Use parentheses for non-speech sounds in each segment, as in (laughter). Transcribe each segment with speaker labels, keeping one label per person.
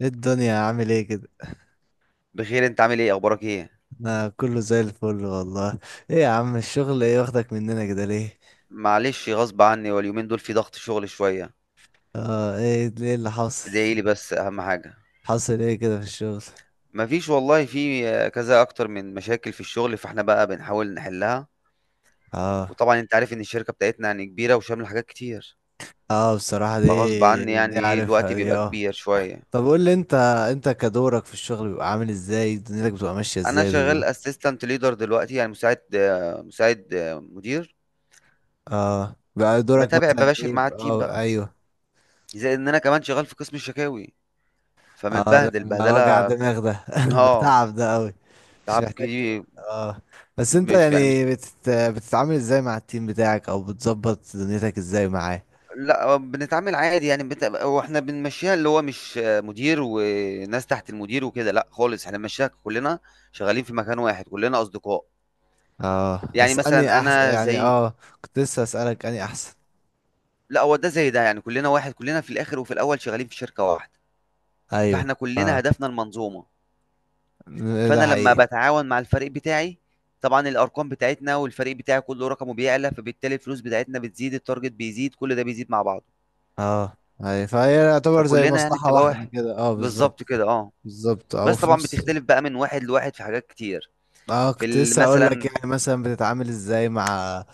Speaker 1: ايه الدنيا عامل ايه كده؟
Speaker 2: بخير، انت عامل ايه؟ اخبارك ايه؟
Speaker 1: انا كله زي الفل والله. ايه يا عم، الشغل ايه واخدك مننا كده ليه؟
Speaker 2: معلش، غصب عني واليومين دول في ضغط شغل شويه.
Speaker 1: اه، ايه ليه اللي حاصل؟
Speaker 2: ادعي لي، بس اهم حاجه.
Speaker 1: حاصل ايه كده في الشغل؟
Speaker 2: مفيش والله، في كذا اكتر من مشاكل في الشغل، فاحنا بقى بنحاول نحلها.
Speaker 1: اه.
Speaker 2: وطبعا انت عارف ان الشركه بتاعتنا يعني كبيره وشامله حاجات كتير.
Speaker 1: اه بصراحة دي
Speaker 2: فغصب عني،
Speaker 1: دي
Speaker 2: يعني ايه، الوقت
Speaker 1: عارفها دي،
Speaker 2: بيبقى
Speaker 1: اه.
Speaker 2: كبير شويه.
Speaker 1: طب قول لي انت، انت كدورك في الشغل بيبقى عامل ازاي؟ دنيتك بتبقى ماشية
Speaker 2: انا
Speaker 1: ازاي بالظبط؟
Speaker 2: شغال اسيستنت ليدر دلوقتي، يعني مساعد مساعد مدير.
Speaker 1: اه، بقى دورك
Speaker 2: بتابع
Speaker 1: مثلا
Speaker 2: بباشر
Speaker 1: ايه؟
Speaker 2: مع التيم
Speaker 1: اه
Speaker 2: بقى.
Speaker 1: ايوه.
Speaker 2: زي ان انا كمان شغال في قسم الشكاوي.
Speaker 1: اه
Speaker 2: فمتبهدل
Speaker 1: ده وجع
Speaker 2: بهدله.
Speaker 1: دماغ ده (laughs) ده
Speaker 2: اه،
Speaker 1: تعب ده قوي. مش
Speaker 2: تعب
Speaker 1: محتاج تقول.
Speaker 2: كتير.
Speaker 1: اه بس انت
Speaker 2: مش يعني مش
Speaker 1: يعني بتتعامل ازاي مع التيم بتاعك؟ او بتظبط دنيتك ازاي معاه؟
Speaker 2: لا، بنتعامل عادي، يعني هو احنا بنمشيها، اللي هو مش مدير وناس تحت المدير وكده، لا خالص، احنا بنمشيها كلنا. شغالين في مكان واحد، كلنا اصدقاء.
Speaker 1: اه،
Speaker 2: يعني
Speaker 1: بس اني
Speaker 2: مثلا
Speaker 1: احسن
Speaker 2: انا
Speaker 1: يعني،
Speaker 2: زي.
Speaker 1: اه. كنت لسه اسالك اني احسن.
Speaker 2: لا، هو ده زي ده، يعني كلنا واحد، كلنا في الاخر وفي الاول شغالين في شركة واحدة. فاحنا
Speaker 1: ايوه
Speaker 2: كلنا
Speaker 1: اه.
Speaker 2: هدفنا المنظومة.
Speaker 1: ده
Speaker 2: فانا لما
Speaker 1: حقيقي.
Speaker 2: بتعاون مع الفريق بتاعي، طبعا الارقام بتاعتنا والفريق بتاعي كله رقمه بيعلى، فبالتالي الفلوس بتاعتنا بتزيد، التارجت بيزيد، كل ده بيزيد مع بعضه.
Speaker 1: اه ايوه، فهي يعتبر زي
Speaker 2: فكلنا يعني
Speaker 1: مصلحة
Speaker 2: بتبقى
Speaker 1: واحدة
Speaker 2: واحد.
Speaker 1: كده، اه
Speaker 2: بالظبط
Speaker 1: بالظبط.
Speaker 2: كده، اه.
Speaker 1: بالظبط او
Speaker 2: بس
Speaker 1: في
Speaker 2: طبعًا
Speaker 1: نفس.
Speaker 2: بتختلف بقى من واحد لواحد في حاجات كتير،
Speaker 1: اه
Speaker 2: في
Speaker 1: كنت
Speaker 2: ال
Speaker 1: لسه هقول لك،
Speaker 2: مثلًا.
Speaker 1: يعني مثلا بتتعامل ازاي مع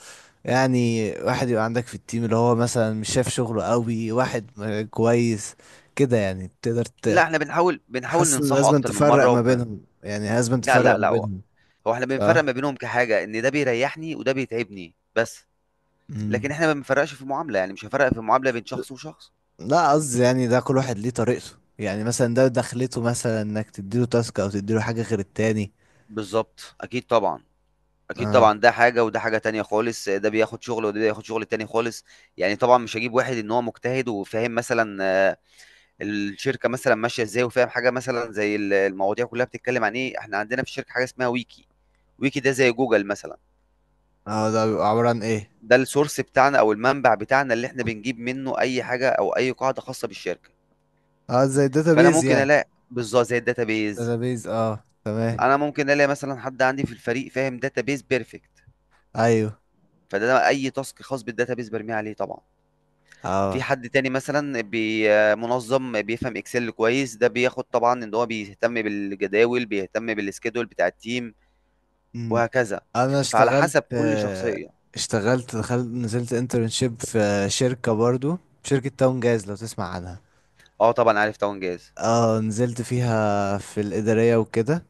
Speaker 1: يعني واحد يبقى عندك في التيم اللي هو مثلا مش شايف شغله قوي، واحد كويس كده، يعني تقدر
Speaker 2: لأ، إحنا بنحاول
Speaker 1: حاسس ان
Speaker 2: ننصحه
Speaker 1: لازم
Speaker 2: أكتر من
Speaker 1: تفرق
Speaker 2: مرّة
Speaker 1: ما بينهم؟ يعني لازم
Speaker 2: لأ،
Speaker 1: تفرق
Speaker 2: لأ،
Speaker 1: ما
Speaker 2: لأ، هو
Speaker 1: بينهم؟
Speaker 2: إحنا بنفرّق
Speaker 1: صح.
Speaker 2: ما بينهم كحاجة، إن ده بيريّحني وده بيتعبني بس،
Speaker 1: مم.
Speaker 2: لكن إحنا ما بنفرّقش في المعاملة، يعني مش هافرّق في المعاملة بين شخص وشخص.
Speaker 1: لا قصدي يعني ده كل واحد ليه طريقته، يعني مثلا ده دخلته مثلا انك تديله تاسك او تديله حاجة غير التاني.
Speaker 2: بالضبط، أكيد طبعًا، أكيد
Speaker 1: اه.
Speaker 2: طبعًا، ده حاجة وده حاجة تانية خالص، ده بياخد شغل وده بياخد شغل تاني خالص. يعني طبعًا مش هاجيب واحد إن هو مجتهد وفاهم مثلًا، الشركة مثلًا ماشية إزاي، وفاهم حاجة مثلًا زي ال المواضيع كلّها بتتكلّم عن إيه. إحنا عندنا في الشركة حاجة اسمها wiki، ويكي ده زي جوجل مثلا.
Speaker 1: اه ده بيبقى عبارة عن ايه؟
Speaker 2: ده السورس بتاعنا او المنبع بتاعنا، اللي احنا بنجيب منه اي حاجه او اي قاعده خاصه بالشركه.
Speaker 1: اه زي
Speaker 2: فانا
Speaker 1: الداتابيز
Speaker 2: ممكن
Speaker 1: يعني.
Speaker 2: الاقي بالظبط زي الداتابيز.
Speaker 1: داتابيز اه، تمام.
Speaker 2: انا ممكن الاقي مثلا حد عندي في الفريق فاهم داتابيز بيرفكت.
Speaker 1: ايوه.
Speaker 2: فده أنا اي تاسك خاص بالداتابيز برميه عليه طبعا. في
Speaker 1: اه
Speaker 2: حد تاني مثلا منظم بيفهم اكسل كويس، ده بياخد طبعا، ان هو بيهتم بالجداول، بيهتم بالسكيدول بتاع التيم.
Speaker 1: امم.
Speaker 2: وهكذا.
Speaker 1: انا
Speaker 2: فعلى
Speaker 1: اشتغلت
Speaker 2: حسب كل شخصيه.
Speaker 1: اشتغلت دخلت نزلت انترنشيب في شركة برضو، شركة تاون جاز لو تسمع عنها.
Speaker 2: اه طبعا عارف، طبعا جاهز.
Speaker 1: اه نزلت فيها في الإدارية وكده،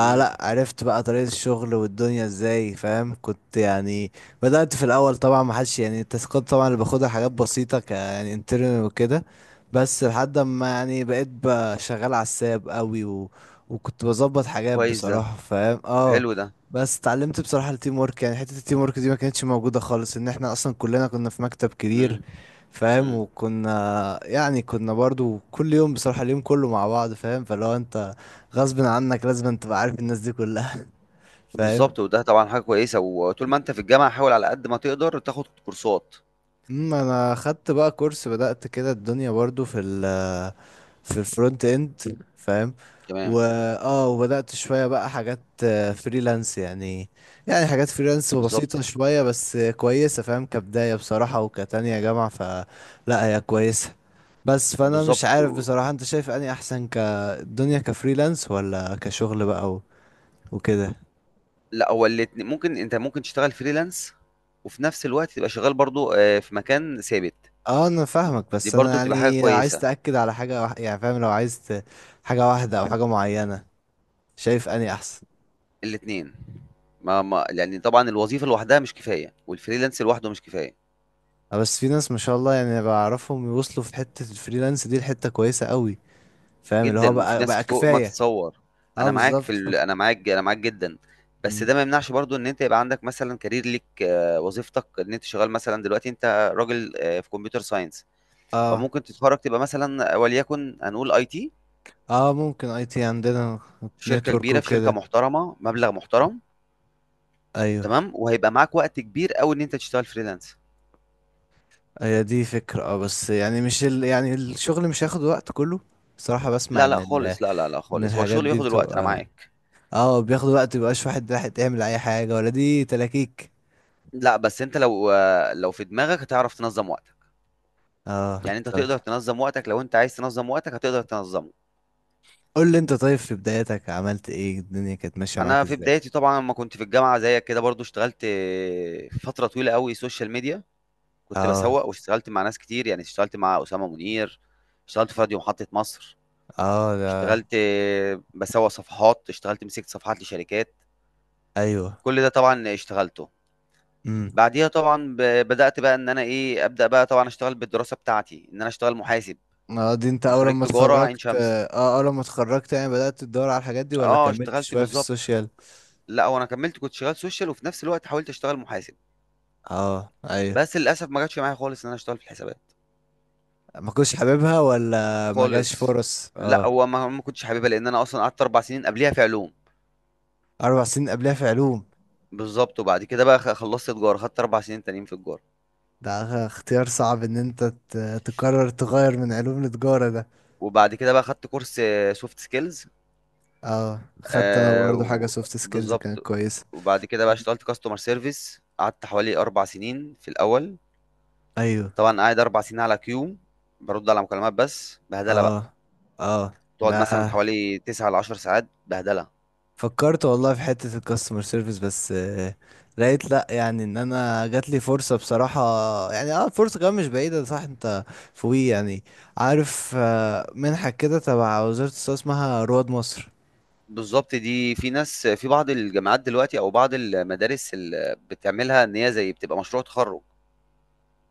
Speaker 2: امم
Speaker 1: عرفت بقى طريقة الشغل والدنيا ازاي، فاهم؟ كنت يعني بدأت في الأول طبعا ما حدش يعني، التاسكات طبعا اللي باخدها حاجات بسيطة، ك يعني انترنال وكده. بس لحد ما يعني بقيت بقى شغال على الساب قوي و... وكنت بظبط حاجات
Speaker 2: كويس ده،
Speaker 1: بصراحة، فاهم؟ اه.
Speaker 2: حلو ده.
Speaker 1: بس اتعلمت بصراحة التيم ورك، يعني حتة التيم ورك دي ما كانتش موجودة خالص، ان احنا اصلا كلنا كنا في مكتب كبير
Speaker 2: إمم،
Speaker 1: فاهم،
Speaker 2: إمم،
Speaker 1: وكنا يعني كنا برضو كل يوم بصراحة اليوم كله مع بعض، فاهم؟ فلو انت غصب عنك لازم تبقى عارف الناس دي كلها (laughs) فاهم.
Speaker 2: بالضبط، وده طبعًا حاجة كويسة، وطول ما أنت في الجامعة حاول على قد ما تقدر تاخد كورسات.
Speaker 1: امم، انا خدت بقى كورس، بدأت كده الدنيا برضو في في الفرونت اند، فاهم؟ و
Speaker 2: تمام.
Speaker 1: اه، وبدأت شوية بقى حاجات فريلانس يعني، يعني حاجات فريلانس بسيطة
Speaker 2: بالضبط.
Speaker 1: شوية بس كويسة فاهم، كبداية بصراحة وكتانية جامعة فلا هي كويسة. بس فانا مش
Speaker 2: بالضبط،
Speaker 1: عارف
Speaker 2: و.
Speaker 1: بصراحة، انت شايف اني احسن كالدنيا كفريلانس ولا كشغل بقى و- وكده؟
Speaker 2: لأ، هو الاتن ممكن، أنت ممكن تشتغل freelance وفي نفس الوقت تبقى شغال برضه في مكان ثابت.
Speaker 1: اه انا فاهمك،
Speaker 2: دي
Speaker 1: بس انا
Speaker 2: برضه بتبقى حاجة
Speaker 1: يعني عايز
Speaker 2: كويسة.
Speaker 1: تأكد على حاجة يعني فاهم، لو عايز حاجة واحدة او حاجة معينة، شايف اني احسن؟
Speaker 2: الاتنين. ما ما لإن طبعًا الوظيفة لوحدها مش كفاية، والfreelance لوحده مش كفاية.
Speaker 1: بس في ناس ما شاء الله يعني بعرفهم يوصلوا في حتة الفريلانس دي لحتة كويسة قوي، فاهم؟ اللي هو
Speaker 2: جدًا، وفي
Speaker 1: بقى
Speaker 2: ناس
Speaker 1: بقى
Speaker 2: فوق ما
Speaker 1: كفاية.
Speaker 2: تتصوّر.
Speaker 1: اه
Speaker 2: أنا معاك في
Speaker 1: بالظبط.
Speaker 2: ال أنا معاك أنا معاك جدًا. بس
Speaker 1: مم.
Speaker 2: ده ما يمنعش برضه إن أنت يبقى عندك مثلًا career ليك، وظيفتك، إن أنت شغّال مثلًا دلوقتي أنت راجل في computer science.
Speaker 1: اه.
Speaker 2: فممكن تتخرّج تبقى مثلًا وليكن هنقول IT
Speaker 1: اه ممكن اي تي عندنا،
Speaker 2: في شركة
Speaker 1: نتورك
Speaker 2: كبيرة، في شركة
Speaker 1: وكده.
Speaker 2: محترمة، مبلغ محترم.
Speaker 1: ايوه.
Speaker 2: تمام، وهيبقى معاك وقت كبير أوي إن أنت تشتغل freelance.
Speaker 1: هي دي فكرة اه، بس يعني مش ال... يعني الشغل مش هياخد وقت كله؟ صراحة بسمع
Speaker 2: لا،
Speaker 1: ان
Speaker 2: لأ خالص، لا، لا، لأ
Speaker 1: ان
Speaker 2: خالص، هو
Speaker 1: الحاجات
Speaker 2: الشغل
Speaker 1: دي
Speaker 2: بياخد الوقت أنا
Speaker 1: بتبقى
Speaker 2: معاك.
Speaker 1: اه بياخد وقت، مبيبقاش واحد راح تعمل اي حاجة، ولا دي تلاكيك؟
Speaker 2: لأ، بس أنت لو لو في دماغك هتعرف تنظّم وقتك،
Speaker 1: اه
Speaker 2: يعني أنت
Speaker 1: طب
Speaker 2: هتقدر تنظّم وقتك، لو أنت عايز تنظّم وقتك هتقدر تنظّمه.
Speaker 1: قول لي انت، طيب في بدايتك عملت ايه؟ الدنيا كانت ماشية معاك
Speaker 2: انا في
Speaker 1: ازاي؟
Speaker 2: بدايتي طبعا لما كنت في الجامعه زيك كده، برضو اشتغلت فتره طويله قوي سوشيال ميديا. كنت
Speaker 1: اه.
Speaker 2: بسوق، واشتغلت مع ناس كتير، يعني اشتغلت مع اسامه منير. اشتغلت في راديو محطه مصر.
Speaker 1: اه ده.
Speaker 2: اشتغلت بسوق صفحات، اشتغلت مسكت صفحات لشركات.
Speaker 1: ايوه.
Speaker 2: كل ده طبعا اشتغلته.
Speaker 1: امم.
Speaker 2: بعديها طبعا بدات بقى ان انا ايه، ابدا بقى طبعا اشتغل بالدراسه بتاعتي، ان انا اشتغل محاسب.
Speaker 1: اه دي انت
Speaker 2: انا
Speaker 1: اول
Speaker 2: خريج
Speaker 1: ما
Speaker 2: تجاره عين
Speaker 1: اتخرجت؟
Speaker 2: شمس.
Speaker 1: اه اول ما اتخرجت يعني بدأت تدور على الحاجات دي، ولا
Speaker 2: اه
Speaker 1: كملت
Speaker 2: اشتغلت
Speaker 1: شوية في
Speaker 2: بالظبط.
Speaker 1: السوشيال؟
Speaker 2: لا، وانا كملت كنت شغال سوشيال وفي نفس الوقت حاولت اشتغل محاسب.
Speaker 1: اه ايوه.
Speaker 2: بس للاسف ما جاتش معايا خالص ان انا اشتغل في الحسابات.
Speaker 1: ما كنتش حاببها ولا ما جاش
Speaker 2: خالص.
Speaker 1: فرص؟
Speaker 2: لا،
Speaker 1: اه.
Speaker 2: هو ما كنتش حاببها لان انا اصلا قعدت اربع سنين قبليها في علوم.
Speaker 1: اربع سنين قبلها في علوم.
Speaker 2: بالظبط، وبعد كده بقى خلصت تجاره، خدت اربع سنين تانيين في تجاره.
Speaker 1: ده اختيار صعب ان انت تقرر تغير من علوم لتجارة ده.
Speaker 2: وبعد كده بقى خدت كورس سوفت سكيلز.
Speaker 1: اه. خدت انا
Speaker 2: آه
Speaker 1: برضو حاجة
Speaker 2: و-
Speaker 1: سوفت سكيلز كانت
Speaker 2: بالظبط.
Speaker 1: كويسة.
Speaker 2: وبعد كده بقى اشتغلت كاستمر سيرفيس، قعدت حوالي اربع سنين في الاول.
Speaker 1: ايوه.
Speaker 2: طبعا قاعد اربع سنين على كيو. برد على مكالمات، بس بهدله
Speaker 1: اه.
Speaker 2: بقى.
Speaker 1: اه
Speaker 2: تقعد
Speaker 1: ده.
Speaker 2: مثلا حوالي 9 ل 10 ساعات بهدله.
Speaker 1: فكرت والله في حتة الكاستمر سيرفيس بس لقيت لا، يعني ان انا جات لي فرصة بصراحة، يعني اه فرصة كمان مش بعيدة، صح؟ انت فوقي يعني، عارف منحة كده تبع وزارة الصحة اسمها رواد مصر؟
Speaker 2: بالضبط، دي في ناس في بعض الجامعات دلوقتي أو بعض المدارس ال بتعملها، إن هي زي بتبقى مشروع تخرُّج.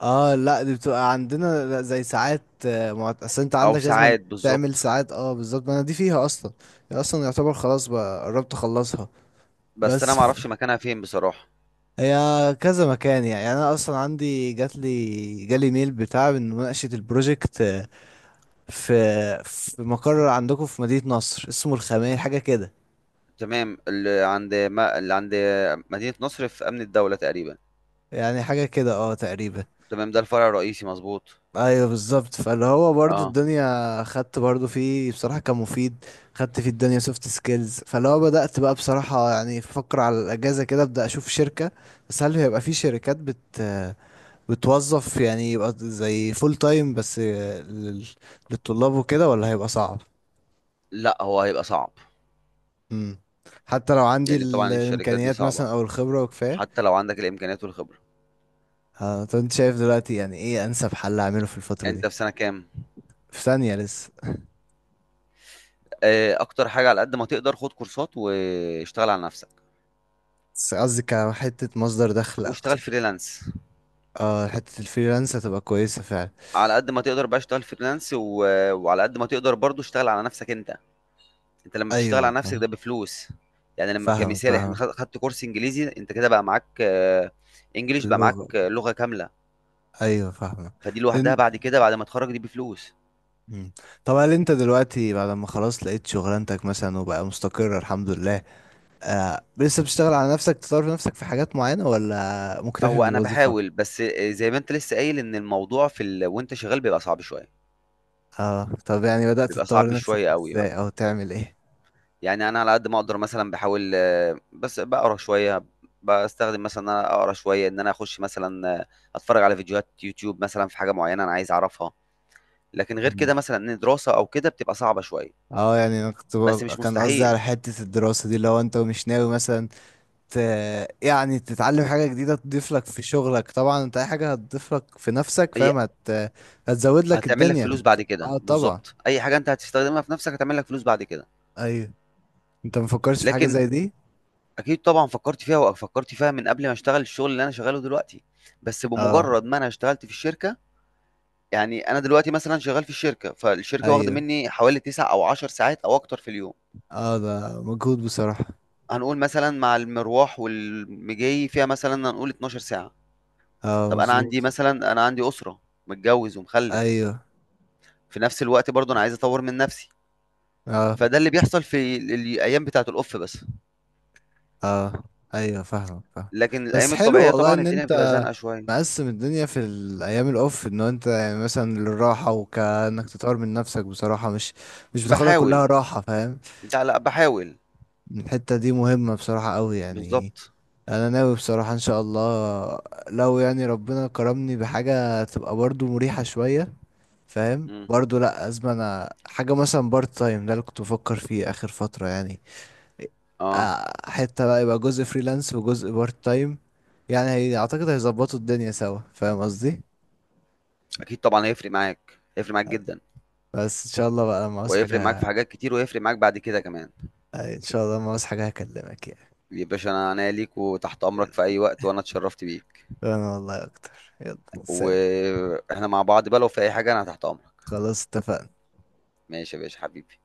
Speaker 1: اه لا، دي بتبقى عندنا زي ساعات اصل انت
Speaker 2: أو
Speaker 1: عندك لازم
Speaker 2: ساعات،
Speaker 1: تعمل
Speaker 2: بالضبط.
Speaker 1: ساعات، اه بالظبط. ما انا دي فيها اصلا، هي اصلا يعتبر خلاص بقى، قربت اخلصها.
Speaker 2: بس أنا
Speaker 1: بس
Speaker 2: ما
Speaker 1: ف-
Speaker 2: أعرفش مكانها فين بصراحة.
Speaker 1: هي كذا مكان يعني، يعني انا اصلا عندي جات لي جالي ميل بتاع من مناقشه البروجكت في في مقر عندكم في مدينه نصر اسمه الخميل حاجه كده.
Speaker 2: تمام، اللي عند ما اللي عند مدينة نصر في أمن الدولة تقريبًا.
Speaker 1: يعني حاجه كده اه تقريبا.
Speaker 2: تمام، ده الفرع الرئيسي مضبوط.
Speaker 1: ايوه بالظبط، فاللي هو برضو
Speaker 2: آه.
Speaker 1: الدنيا خدت برضو فيه بصراحه كان مفيد، خدت فيه الدنيا سوفت سكيلز. فاللي هو بدات بقى بصراحه يعني افكر على الاجازه كده ابدا اشوف شركه. بس هل هيبقى في شركات بتوظف يعني، يبقى زي فول تايم بس للطلاب وكده، ولا هيبقى صعب؟
Speaker 2: لأ، هو هيبقى صعب.
Speaker 1: امم. حتى لو عندي
Speaker 2: لإن طبعًا الشركات دي
Speaker 1: الامكانيات
Speaker 2: صعبة،
Speaker 1: مثلا او الخبرة وكفاية؟
Speaker 2: حتى لو عندك الإمكانيات والخبرة.
Speaker 1: طب انت شايف دلوقتي يعني ايه انسب حل اعمله في الفترة دي؟
Speaker 2: أنت في سَنة كام؟
Speaker 1: في ثانية لسه.
Speaker 2: أكتر حاجة، على قد ما تقدر خُد كورسات، واشتغل على نَفْسك،
Speaker 1: بس قصدي كحتة مصدر دخل
Speaker 2: واشتغل
Speaker 1: اكتر.
Speaker 2: freelance.
Speaker 1: اه حتة الفريلانس هتبقى كويسة فعلا.
Speaker 2: على قد ما تقدر بقى اشتغل فريلانس، و... وعلى قد ما تقدر برضو اشتغل على نفسك انت. انت لما بتشتغل
Speaker 1: ايوه
Speaker 2: على نفسك
Speaker 1: فاهم.
Speaker 2: ده بفلوس، يعني لما
Speaker 1: فاهمك
Speaker 2: كمثال، احنا
Speaker 1: فاهمك.
Speaker 2: خدت كورس انجليزي، انت كده بقى معاك، انجليش بقى معاك،
Speaker 1: اللغة.
Speaker 2: لغة كاملة.
Speaker 1: ايوه فاهمك.
Speaker 2: فدي لوحدها
Speaker 1: إن-
Speaker 2: بعد كده، بعد ما تخرج دي بفلوس.
Speaker 1: مم. طب هل انت دلوقتي بعد ما خلاص لقيت شغلانتك مثلا وبقى مستقر الحمد لله، آه لسه بتشتغل على نفسك تطور في نفسك في حاجات معينة، ولا مكتفي
Speaker 2: هو انا
Speaker 1: بالوظيفة؟
Speaker 2: بحاول بس، زي ما انت لسه قايل ان الموضوع في ال، وانت شغال بيبقى صعب شوية.
Speaker 1: اه طب يعني بدأت
Speaker 2: بيبقى
Speaker 1: تطور
Speaker 2: صعب
Speaker 1: نفسك
Speaker 2: شوية قوي.
Speaker 1: ازاي او تعمل ايه؟
Speaker 2: يعني انا على قد ما اقدر مثلا بحاول، بس بقرا شويه. بستخدم مثلا ان انا اقرا شويه، ان انا اخش مثلا، اتفرج على فيديوهات يوتيوب مثلا في حاجه معينه انا عايز اعرفها. لكن غير
Speaker 1: مم.
Speaker 2: كده مثلا ان دراسه او كده، بتبقى صعبه شويه.
Speaker 1: اه يعني انا كنت
Speaker 2: بس مش
Speaker 1: كان قصدي على
Speaker 2: مستحيل.
Speaker 1: حتة الدراسة دي، لو انت مش ناوي مثلا ت... يعني تتعلم حاجة جديدة تضيف لك في شغلك، طبعا انت اي حاجة هتضيف لك في نفسك
Speaker 2: هي
Speaker 1: فاهم هتزود لك
Speaker 2: هتعمل لك
Speaker 1: الدنيا.
Speaker 2: فلوس بعد كده،
Speaker 1: اه طبعا.
Speaker 2: بالظبط، اي حاجه انت هتستخدمها في نفسك هتعمل لك فلوس بعد كده.
Speaker 1: ايوه. انت مفكرش في حاجة
Speaker 2: لكن
Speaker 1: زي دي؟
Speaker 2: اكيد طبعا فكرت فيها، وفكرت فيها من قبل ما اشتغل الشغل اللي انا شغاله دلوقتي. بس
Speaker 1: اه.
Speaker 2: بمجرد ما انا اشتغلت في الشركه، يعني انا دلوقتي مثلا شغال في الشركه، فالشركه واخده
Speaker 1: ايوه.
Speaker 2: مني حوالي 9 او 10 ساعات او اكتر في اليوم.
Speaker 1: اه ده مجهود بصراحة.
Speaker 2: هنقول مثلا مع المروح والمجي فيها، مثلا هنقول 12 ساعه.
Speaker 1: اه
Speaker 2: طب انا عندي
Speaker 1: مظبوط.
Speaker 2: مثلا، انا عندي اسره، متجوز ومخلف.
Speaker 1: ايوه.
Speaker 2: في نفس الوقت برضه انا عايز اطور من نفسي.
Speaker 1: اه.
Speaker 2: فده اللي بيحصل في الايام بتاعه الاوف بس.
Speaker 1: اه ايوه فاهمك فاهم.
Speaker 2: لكن
Speaker 1: بس
Speaker 2: الايام
Speaker 1: حلو
Speaker 2: الطبيعيه
Speaker 1: والله
Speaker 2: طبعا
Speaker 1: ان
Speaker 2: الدنيا بتبقى
Speaker 1: انت
Speaker 2: زنقه شويه.
Speaker 1: مقسم الدنيا، في الايام الاوف ان انت يعني مثلا للراحه وكانك تطور من نفسك بصراحه، مش مش بتاخدها كلها
Speaker 2: بحاول.
Speaker 1: راحه فاهم.
Speaker 2: لا، لا، بحاول.
Speaker 1: الحته دي مهمه بصراحه قوي يعني.
Speaker 2: بالظبط.
Speaker 1: انا ناوي بصراحه ان شاء الله لو يعني ربنا كرمني بحاجه تبقى برضو مريحه شويه فاهم،
Speaker 2: مم.
Speaker 1: برضو لا ازمه انا حاجه مثلا بارت تايم، ده اللي كنت بفكر فيه اخر فتره يعني.
Speaker 2: اه،
Speaker 1: حتة بقى يبقى جزء فريلانس وجزء بارت تايم، يعني هي اعتقد هيظبطوا الدنيا سوا، فاهم قصدي؟
Speaker 2: اكيد طبعا، هيفرق معاك جدا،
Speaker 1: بس ان شاء الله بقى لما عاوز
Speaker 2: وهيفرق معاك في
Speaker 1: حاجة،
Speaker 2: حاجات كتير، وهيفرق معاك بعد كده كمان.
Speaker 1: ان شاء الله لما عاوز حاجة هكلمك يعني.
Speaker 2: يا باشا، انا عناية ليك وتحت امرك في اي وقت، وانا اتشرفت بيك.
Speaker 1: انا والله اكتر، يلا سلام.
Speaker 2: واحنا مع بعض بقى، لو في اي حاجه انا تحت امرك.
Speaker 1: خلاص اتفقنا.
Speaker 2: ماشي يا باشا حبيبي.